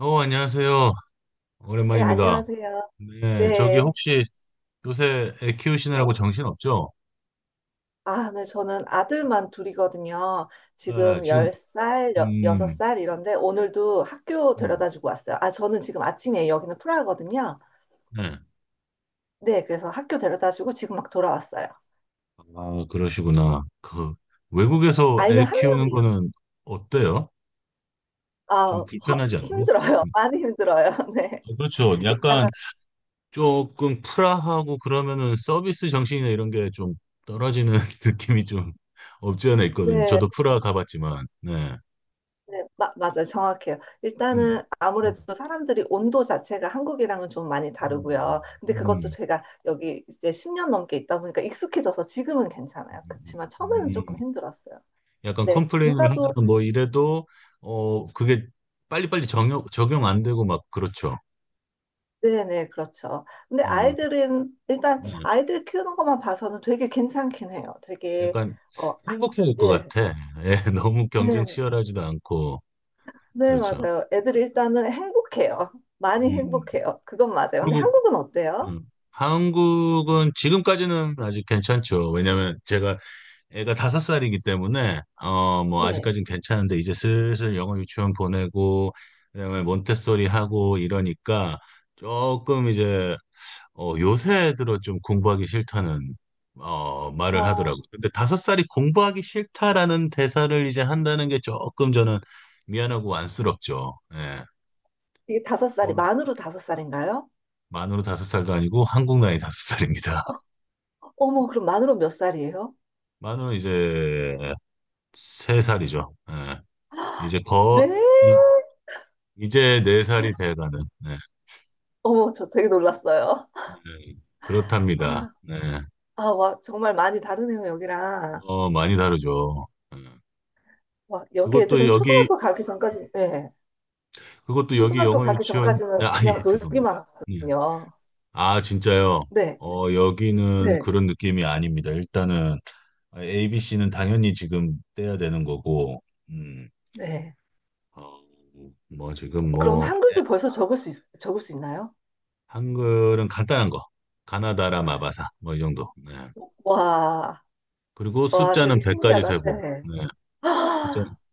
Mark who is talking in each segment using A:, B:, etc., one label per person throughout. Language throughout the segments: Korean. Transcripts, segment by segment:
A: 안녕하세요.
B: 네,
A: 오랜만입니다.
B: 안녕하세요.
A: 네, 저기
B: 네.
A: 혹시 요새 애 키우시느라고 정신 없죠?
B: 아, 네, 저는 아들만 둘이거든요.
A: 네,
B: 지금
A: 지금,
B: 10살,
A: 음,
B: 6살 이런데 오늘도 학교
A: 음,
B: 데려다 주고 왔어요. 아, 저는 지금 아침에 여기는 프라하거든요.
A: 네.
B: 네, 그래서 학교 데려다 주고 지금 막 돌아왔어요.
A: 아, 그러시구나. 그,
B: 네.
A: 외국에서
B: 아이는
A: 애
B: 한
A: 키우는
B: 명이요.
A: 거는 어때요? 좀
B: 아,
A: 불편하지 않나요?
B: 힘들어요.
A: 음,
B: 많이 힘들어요. 네.
A: 어, 그렇죠.
B: 일단은,
A: 약간 조금 프라하고 그러면은 서비스 정신이나 이런 게 좀 떨어지는 느낌이 좀 없지 않아 있거든요.
B: 네.
A: 저도 프라 가봤지만, 네.
B: 네, 맞아요. 정확해요.
A: 음,
B: 일단은
A: 음,
B: 아무래도 사람들이 온도 자체가 한국이랑은 좀 많이
A: 음,
B: 다르고요. 근데 그것도
A: 음.
B: 제가 여기 이제 10년 넘게 있다 보니까 익숙해져서 지금은 괜찮아요.
A: 음,
B: 그렇지만 처음에는 조금
A: 음.
B: 힘들었어요.
A: 약간
B: 네,
A: 컴플레인을
B: 육아도,
A: 하거나 뭐 이래도 그게 빨리빨리 적용 안 되고 막 그렇죠.
B: 네네, 그렇죠. 근데
A: 음,
B: 아이들은, 일단
A: 음.
B: 아이들 키우는 것만 봐서는 되게 괜찮긴 해요. 되게,
A: 약간
B: 어, 아,
A: 행복해질 것
B: 예,
A: 같아. 예, 너무 경쟁
B: 네,
A: 치열하지도 않고
B: 네,
A: 그렇죠.
B: 맞아요. 애들이 일단은 행복해요. 많이
A: 음.
B: 행복해요. 그건 맞아요. 근데
A: 그리고
B: 한국은 어때요?
A: 음, 한국은 지금까지는 아직 괜찮죠. 왜냐면 제가 애가 다섯 살이기 때문에 뭐
B: 네.
A: 아직까진 괜찮은데 이제 슬슬 영어 유치원 보내고 그다음에 몬테소리 하고 이러니까 조금 이제 요새 들어 좀 공부하기 싫다는 말을 하더라고.
B: 어,
A: 근데 다섯 살이 공부하기 싫다라는 대사를 이제 한다는 게 조금 저는 미안하고 안쓰럽죠. 예.
B: 이게 5살이,
A: 그거는
B: 만으로 5살인가요?
A: 만으로 다섯 살도 아니고 한국 나이 다섯 살입니다.
B: 어머, 그럼 만으로 몇 살이에요?
A: 만으로 이제 세 살이죠. 예. 이제
B: 네?
A: 이, 이제 네 살이 돼가는.
B: 어머, 저 되게 놀랐어요.
A: 예. 예. 그렇답니다.
B: 아,
A: 네.
B: 아, 와, 정말 많이 다르네요, 여기랑.
A: 많이 다르죠. 예.
B: 와, 여기
A: 그것도
B: 애들은
A: 여기
B: 초등학교 가기 전까지, 네.
A: 그것도 여기
B: 초등학교
A: 영어
B: 가기
A: 유치원
B: 전까지는
A: 아, 예,
B: 그냥
A: 죄송합니다.
B: 놀기만
A: 예.
B: 하거든요.
A: 아, 진짜요?
B: 네, 네,
A: 여기는
B: 네.
A: 그런 느낌이 아닙니다. 일단은 ABC는 당연히 지금 떼야 되는 거고, 음,
B: 네.
A: 어, 뭐 지금
B: 그럼
A: 뭐
B: 한글도 벌써 적을 수 있나요?
A: 한글은 간단한 거, 가나다라 마바사 뭐 이 정도. 네.
B: 와,
A: 그리고
B: 와,
A: 숫자는
B: 되게
A: 100까지
B: 신기하다.
A: 세고,
B: 네.
A: 네. 숫자,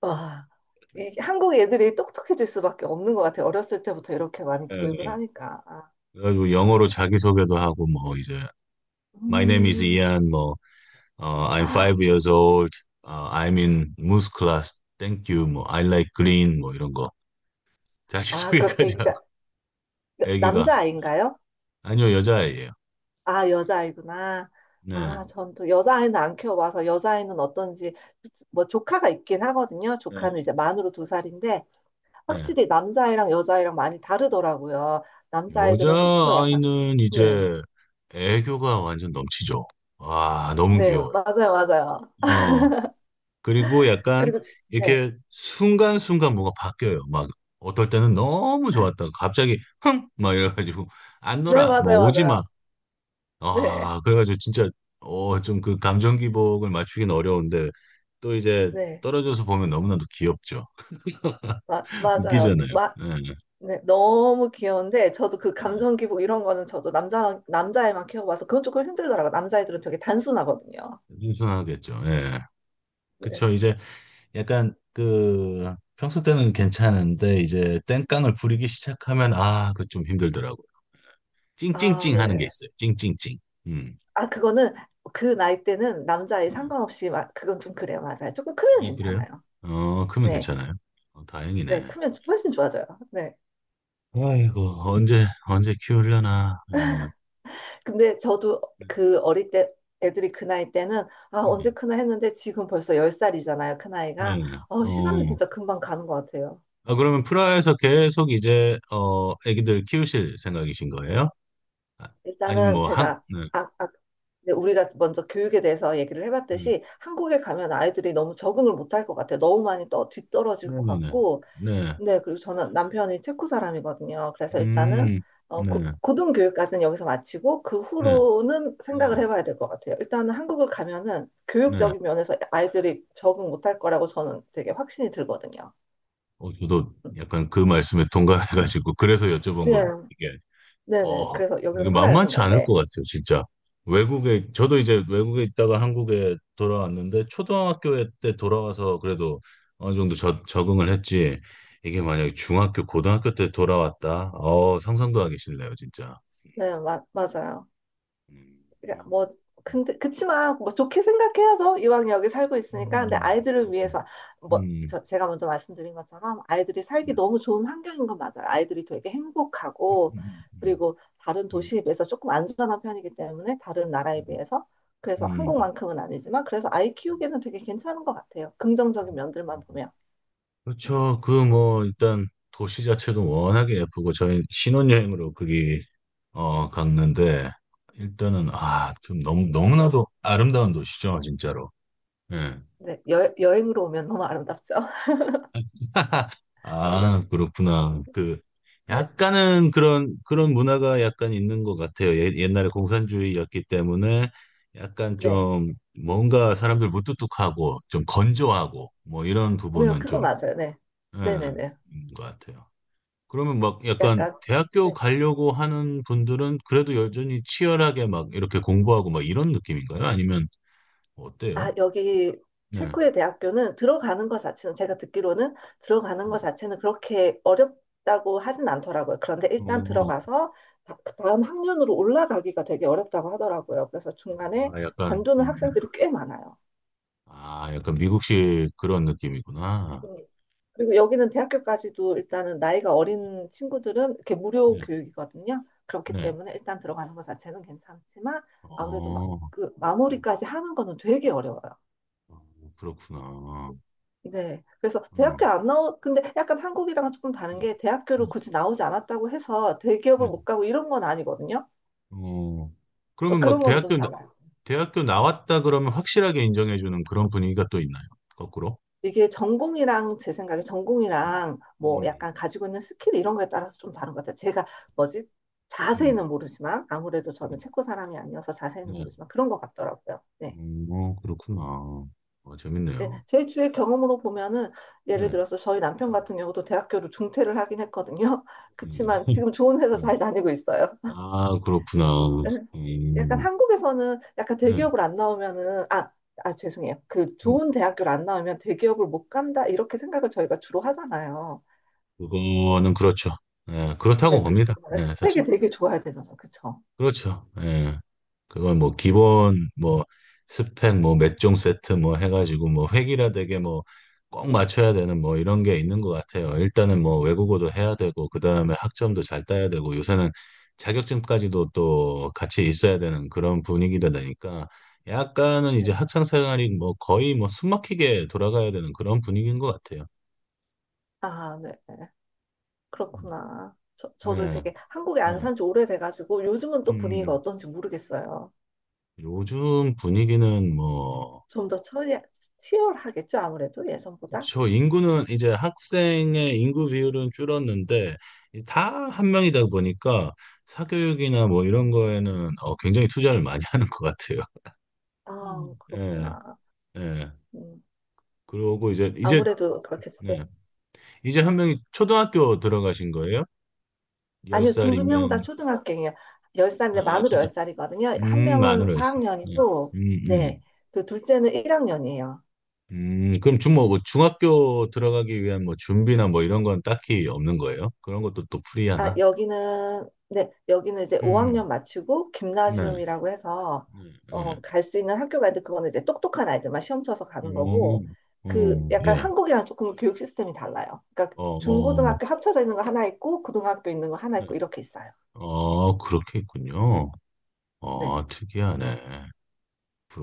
B: 와, 이 한국 애들이 똑똑해질 수밖에 없는 것 같아요. 어렸을 때부터 이렇게 많이
A: 네
B: 교육을
A: 네.
B: 하니까. 아,
A: 그래가지고 영어로
B: 아,
A: 자기소개도 하고 뭐 이제 My name is
B: 음.
A: Ian, 뭐 I'm five years old, I'm in Moose class, thank you, 뭐 I like green, 뭐 이런 거.
B: 아, 그럼
A: 자기소개까지
B: 애기가
A: 아기가
B: 남자아이인가요?
A: 아니요 여자아이예요.
B: 아, 여자아이구나.
A: 네,
B: 아, 전 또 여자아이는 안 키워봐서 여자아이는 어떤지 뭐 조카가 있긴 하거든요.
A: 네.
B: 조카는 이제 만으로 2살인데
A: 네.
B: 확실히 남자아이랑 여자아이랑 많이 다르더라고요. 남자아이들은 조금 더 약간
A: 여자아이는
B: 네,
A: 이제 애교가 완전 넘치죠. 와 너무
B: 네,
A: 귀여워요.
B: 맞아요, 맞아요.
A: 어 그리고 약간
B: 그리고 네,
A: 이렇게 순간순간 뭐가 바뀌어요. 막 어떨 때는 너무 좋았다가 갑자기 흥 막 이래가지고 안
B: 네,
A: 놀아 뭐
B: 맞아요,
A: 오지 마.
B: 맞아요. 네,
A: 아 그래가지고 진짜 좀 그 감정 기복을 맞추긴 어려운데 또 이제
B: 네.
A: 떨어져서 보면 너무나도 귀엽죠.
B: 맞아요.
A: 웃기잖아요. 네.
B: 네, 너무 귀여운데 저도 그
A: 네.
B: 감정 기복 이런 거는 저도 남자애만 키워봐서 그건 조금 힘들더라고요. 남자애들은 되게 단순하거든요.
A: 순선하겠죠 예.
B: 네.
A: 그쵸. 이제 약간 그 평소 때는 괜찮은데 이제 땡깡을 부리기 시작하면 아, 그 좀 힘들더라고요.
B: 아,
A: 찡찡찡 하는 게
B: 네.
A: 있어요. 찡찡찡. 음.
B: 아, 그거는 그 나이 때는 남자애
A: 음.
B: 상관없이 막 그건 좀 그래요. 맞아요. 조금 크면
A: 아, 그래요?
B: 괜찮아요.
A: 그러면
B: 네.
A: 괜찮아요. 다행이네.
B: 네, 크면 훨씬 좋아져요. 네.
A: 아이고, 언제, 언제 키우려나. 음.
B: 근데 저도 그 어릴 때 애들이 그 나이 때는 아, 언제
A: 음.
B: 크나 했는데 지금 벌써 10살이잖아요. 그 나이가.
A: 예.
B: 시간은
A: 어.
B: 진짜 금방 가는 것 같아요.
A: 아, 그러면 프라하에서 계속 이제, 애기들 키우실 생각이신 거예요? 아, 아니면
B: 일단은
A: 뭐, 한,
B: 제가
A: 네.
B: 아, 아, 이제 우리가 먼저 교육에 대해서 얘기를
A: 음.
B: 해봤듯이 한국에 가면 아이들이 너무 적응을 못할 것 같아요. 너무 많이 또 뒤떨어질
A: 네.
B: 것
A: 네네네. 네.
B: 같고.
A: 네. 네.
B: 네, 그리고 저는 남편이 체코 사람이거든요. 그래서 일단은
A: 음, 네,
B: 고등교육까지는 여기서 마치고 그
A: 네,
B: 후로는 생각을
A: 네,
B: 해봐야 될 것 같아요. 일단은 한국을 가면은
A: 네.
B: 교육적인 면에서 아이들이 적응 못할 거라고 저는 되게 확신이 들거든요.
A: 저도 약간 그 말씀에 동감해가지고 그래서 여쭤본
B: 네,
A: 걸
B: 네네.
A: 어
B: 그래서 여기서
A: 이게
B: 살아야죠,
A: 만만치
B: 뭐.
A: 않을
B: 네,
A: 것 같아요, 진짜. 외국에 저도 이제 외국에 있다가 한국에 돌아왔는데 초등학교 때 돌아와서 그래도 어느 정도 적응을 했지. 이게 만약에 중학교, 고등학교 때 돌아왔다. 상상도 하기 싫네요, 진짜.
B: 네, 맞아요.
A: 음,
B: 그러니까
A: 음,
B: 뭐 근데 그치만 뭐 좋게 생각해야죠. 이왕 여기 살고 있으니까. 근데
A: 음,
B: 아이들을
A: 음,
B: 위해서 뭐
A: 음,
B: 제가 먼저 말씀드린 것처럼 아이들이 살기
A: 음,
B: 너무 좋은 환경인 건 맞아요. 아이들이 되게
A: 음,
B: 행복하고
A: 음, 음,
B: 그리고 다른
A: 음.
B: 도시에 비해서 조금 안전한 편이기 때문에 다른 나라에
A: 음.
B: 비해서 그래서
A: 음.
B: 한국만큼은 아니지만 그래서 아이 키우기에는 되게 괜찮은 것 같아요. 긍정적인 면들만 보면. 음,
A: 그렇죠. 그 뭐 일단 도시 자체도 워낙에 예쁘고 저희 신혼여행으로 거기 갔는데 일단은 아 좀 너무 너무나도 아름다운 도시죠, 진짜로. 예.
B: 네, 여행으로 오면 너무 아름답죠.
A: 아, 그렇구나. 그
B: 네,
A: 약간은 그런 문화가 약간 있는 것 같아요. 예, 옛날에 공산주의였기 때문에 약간
B: 네,
A: 좀 뭔가 사람들 무뚝뚝하고 좀 건조하고 뭐 이런
B: 네,
A: 부분은 좀
B: 그거 맞아요. 네, 네, 네,
A: 예,
B: 네.
A: 있는 것 같아요. 그러면 막 약간
B: 약간
A: 대학교
B: 네.
A: 가려고 하는 분들은 그래도 여전히 치열하게 막 이렇게 공부하고 막 이런 느낌인가요? 아니면
B: 아,
A: 어때요?
B: 여기
A: 네.
B: 체코의 대학교는 들어가는 것 자체는 제가 듣기로는 들어가는 것
A: 음.
B: 자체는 그렇게 어렵다고 하진 않더라고요. 그런데 일단
A: 어,
B: 들어가서 그 다음 학년으로 올라가기가 되게 어렵다고 하더라고요. 그래서 중간에
A: 아, 약간, 음,
B: 관두는
A: 음.
B: 학생들이 꽤 많아요.
A: 아, 약간 미국식 그런 느낌이구나.
B: 음. 그리고 여기는 대학교까지도 일단은 나이가 어린 친구들은 이렇게 무료
A: 네,
B: 교육이거든요. 그렇기
A: 네.
B: 때문에 일단 들어가는 것 자체는 괜찮지만 아무래도
A: 어,
B: 그 마무리까지 하는 거는 되게 어려워요.
A: 어, 그렇구나.
B: 네. 그래서 대학교
A: 음,
B: 안 나오, 근데 약간 한국이랑은 조금 다른
A: 음,
B: 게 대학교를
A: 음,
B: 굳이 나오지 않았다고 해서 대기업을
A: 네.
B: 못 가고 이런 건 아니거든요.
A: 어, 그러면 막
B: 그런 거는 좀 달라요.
A: 대학교 나왔다 그러면 확실하게 인정해주는 그런 분위기가 또 있나요? 거꾸로?
B: 이게 전공이랑 제 생각에
A: 음,
B: 전공이랑 뭐
A: 음,
B: 약간 가지고 있는 스킬 이런 거에 따라서 좀 다른 것 같아요. 제가 뭐지?
A: 음,
B: 자세히는 모르지만 아무래도 저는
A: 네.
B: 체코 사람이 아니어서 자세히는
A: 네.
B: 모르지만 그런 것 같더라고요. 네.
A: 어, 그렇구나.
B: 네,
A: 재밌네요.
B: 제 주위의 경험으로 보면은
A: 네.
B: 예를 들어서 저희 남편
A: 음,
B: 같은 경우도 대학교를 중퇴를 하긴 했거든요. 그치만 지금 좋은 회사
A: 음.
B: 잘 다니고 있어요.
A: 아, 그렇구나.
B: 약간
A: 음,
B: 한국에서는 약간
A: 네.
B: 대기업을 안 나오면은 아, 아 죄송해요. 그
A: 음,
B: 좋은 대학교를 안 나오면 대기업을 못 간다 이렇게 생각을 저희가 주로 하잖아요.
A: 그거는 그렇죠. 네, 그렇다고
B: 네, 그쵸.
A: 봅니다.
B: 네,
A: 네,
B: 스펙이
A: 사실은.
B: 되게 좋아야 되잖아요. 그쵸.
A: 그렇죠. 예. 그건 뭐 기본 뭐 스펙 뭐 몇 종 세트 뭐 해가지고 뭐 획일화 되게 뭐 꼭 맞춰야 되는 뭐 이런 게 있는 것 같아요. 일단은 뭐 외국어도 해야 되고 그 다음에 학점도 잘 따야 되고 요새는 자격증까지도 또 같이 있어야 되는 그런 분위기다 보니까 약간은 이제
B: 네.
A: 학창 생활이 뭐 거의 뭐 숨막히게 돌아가야 되는 그런 분위기인 것 같아요.
B: 아, 네. 네.
A: 음.
B: 그렇구나. 저도
A: 네,
B: 되게 한국에 안
A: 네.
B: 산지 오래돼가지고 요즘은 또 분위기가
A: 음,
B: 어떤지 모르겠어요.
A: 요즘 분위기는 뭐
B: 좀 더 치열하겠죠, 아무래도 예전보다.
A: 저 인구는 이제 학생의 인구 비율은 줄었는데 다 한 명이다 보니까 사교육이나 뭐 이런 거에는 굉장히 투자를 많이 하는 것 같아요.
B: 아,
A: 음. 예,
B: 그렇구나.
A: 예.
B: 음,
A: 그러고 이제
B: 아무래도
A: 예.
B: 그렇겠어요.
A: 이제 한 명이 초등학교 들어가신 거예요? 열
B: 아니요, 2명 다
A: 살이면
B: 초등학생이에요.
A: 아,
B: 10살인데 만으로
A: 초등
B: 열살이거든요한 명은
A: 만으로 했어. 예.
B: 4학년이고,
A: 음,
B: 네,
A: 음.
B: 그 둘째는 1학년이에요.
A: 그럼 중뭐 뭐뭐 중학교 들어가기 위한 뭐 준비나 뭐 이런 건 딱히 없는 거예요? 그런 것도 또
B: 아,
A: 프리하나?
B: 여기는, 네, 여기는 이제
A: 음,
B: 5학년 마치고,
A: 네.
B: 김나지움이라고 해서,
A: 네, 네.
B: 갈 수 있는 학교가 있는데, 그거는 이제 똑똑한 아이들만 시험 쳐서 가는 거고,
A: 음,
B: 그 약간
A: 예.
B: 한국이랑 조금 교육 시스템이 달라요. 그러니까
A: 어, 어,
B: 중고등학교 합쳐져 있는 거 하나 있고, 고등학교 있는 거 하나
A: 네.
B: 있고, 이렇게 있어요.
A: 아,
B: 네,
A: 그렇게 있군요.
B: 네,
A: 아, 특이하네.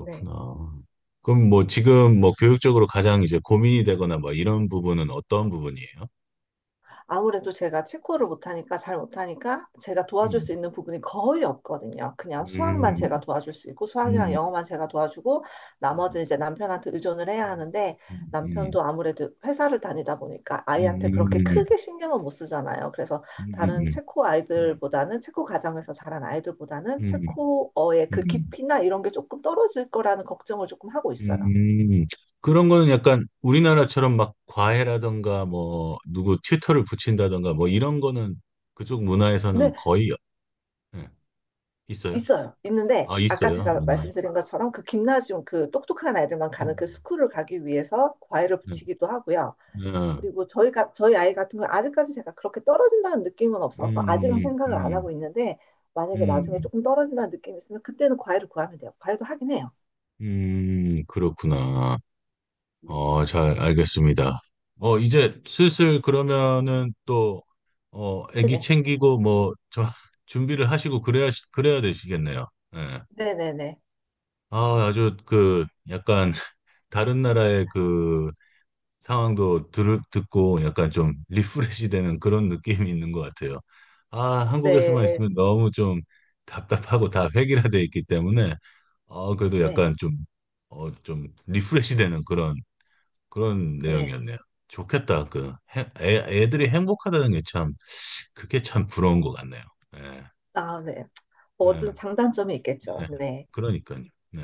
B: 네.
A: 그럼 뭐 지금 뭐 교육적으로 가장 이제 고민이 되거나 뭐 이런 부분은 어떤 부분이에요?
B: 아무래도 제가 체코를 못하니까 잘 못하니까 제가 도와줄
A: 음,
B: 수 있는 부분이 거의 없거든요. 그냥 수학만
A: 음,
B: 제가 도와줄 수 있고 수학이랑
A: 음,
B: 영어만 제가 도와주고
A: 음,
B: 나머지는 이제 남편한테 의존을 해야 하는데
A: 음, 음,
B: 남편도 아무래도 회사를 다니다 보니까
A: 음,
B: 아이한테 그렇게
A: 음, 음,
B: 크게 신경을 못 쓰잖아요. 그래서
A: 음, 음,
B: 다른
A: 음,
B: 체코
A: 음,
B: 아이들보다는 체코 가정에서 자란 아이들보다는
A: 음, 음,
B: 체코어의
A: 음,
B: 그
A: 음,
B: 깊이나 이런 게 조금 떨어질 거라는 걱정을 조금 하고 있어요.
A: 음, 그런 거는 약간 우리나라처럼 막 과외라던가 뭐 누구 튜터를 붙인다던가 뭐 이런 거는 그쪽 문화에서는
B: 네,
A: 거의 없- 예, 있어요?
B: 있어요. 있는데
A: 아,
B: 아까
A: 있어요.
B: 제가 말씀드린 것처럼 그 김나지움 그 똑똑한 아이들만 가는
A: 음,
B: 그 스쿨을 가기 위해서 과외를
A: 네.
B: 붙이기도 하고요.
A: 네.
B: 그리고 저희 아이 같은 경우 아직까지 제가 그렇게 떨어진다는 느낌은 없어서 아직은
A: 음,
B: 생각을 안
A: 음,
B: 하고 있는데 만약에 나중에
A: 음,
B: 조금 떨어진다는 느낌이 있으면 그때는 과외를 구하면 돼요. 과외도 하긴 해요.
A: 그렇구나.
B: 네.
A: 잘 알겠습니다. 이제 슬슬 그러면은 또, 애기
B: 네네.
A: 챙기고 뭐, 준비를 하시고 그래야 되시겠네요. 예.
B: 네네네.
A: 아, 아주 그 약간 다른 나라의 그 상황도 듣고 약간 좀 리프레시 되는 그런 느낌이 있는 것 같아요. 아, 한국에서만
B: 네.
A: 있으면 너무 좀 답답하고 다 획일화돼 있기 때문에 그래도
B: 네.
A: 약간 좀 리프레시 되는 그런
B: 네.
A: 내용이었네요. 좋겠다. 그 애들이 행복하다는 게 참 그게 참 부러운 것 같네요. 예,
B: 아, 네.
A: 예.
B: 뭐든 장단점이 있겠죠.
A: 네,
B: 네.
A: 그러니까요. 네.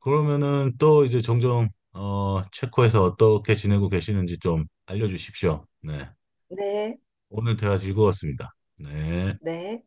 A: 그러면은 또 이제 종종 체코에서 어떻게 지내고 계시는지 좀 알려주십시오. 네.
B: 네.
A: 오늘 대화 즐거웠습니다. 네.
B: 네.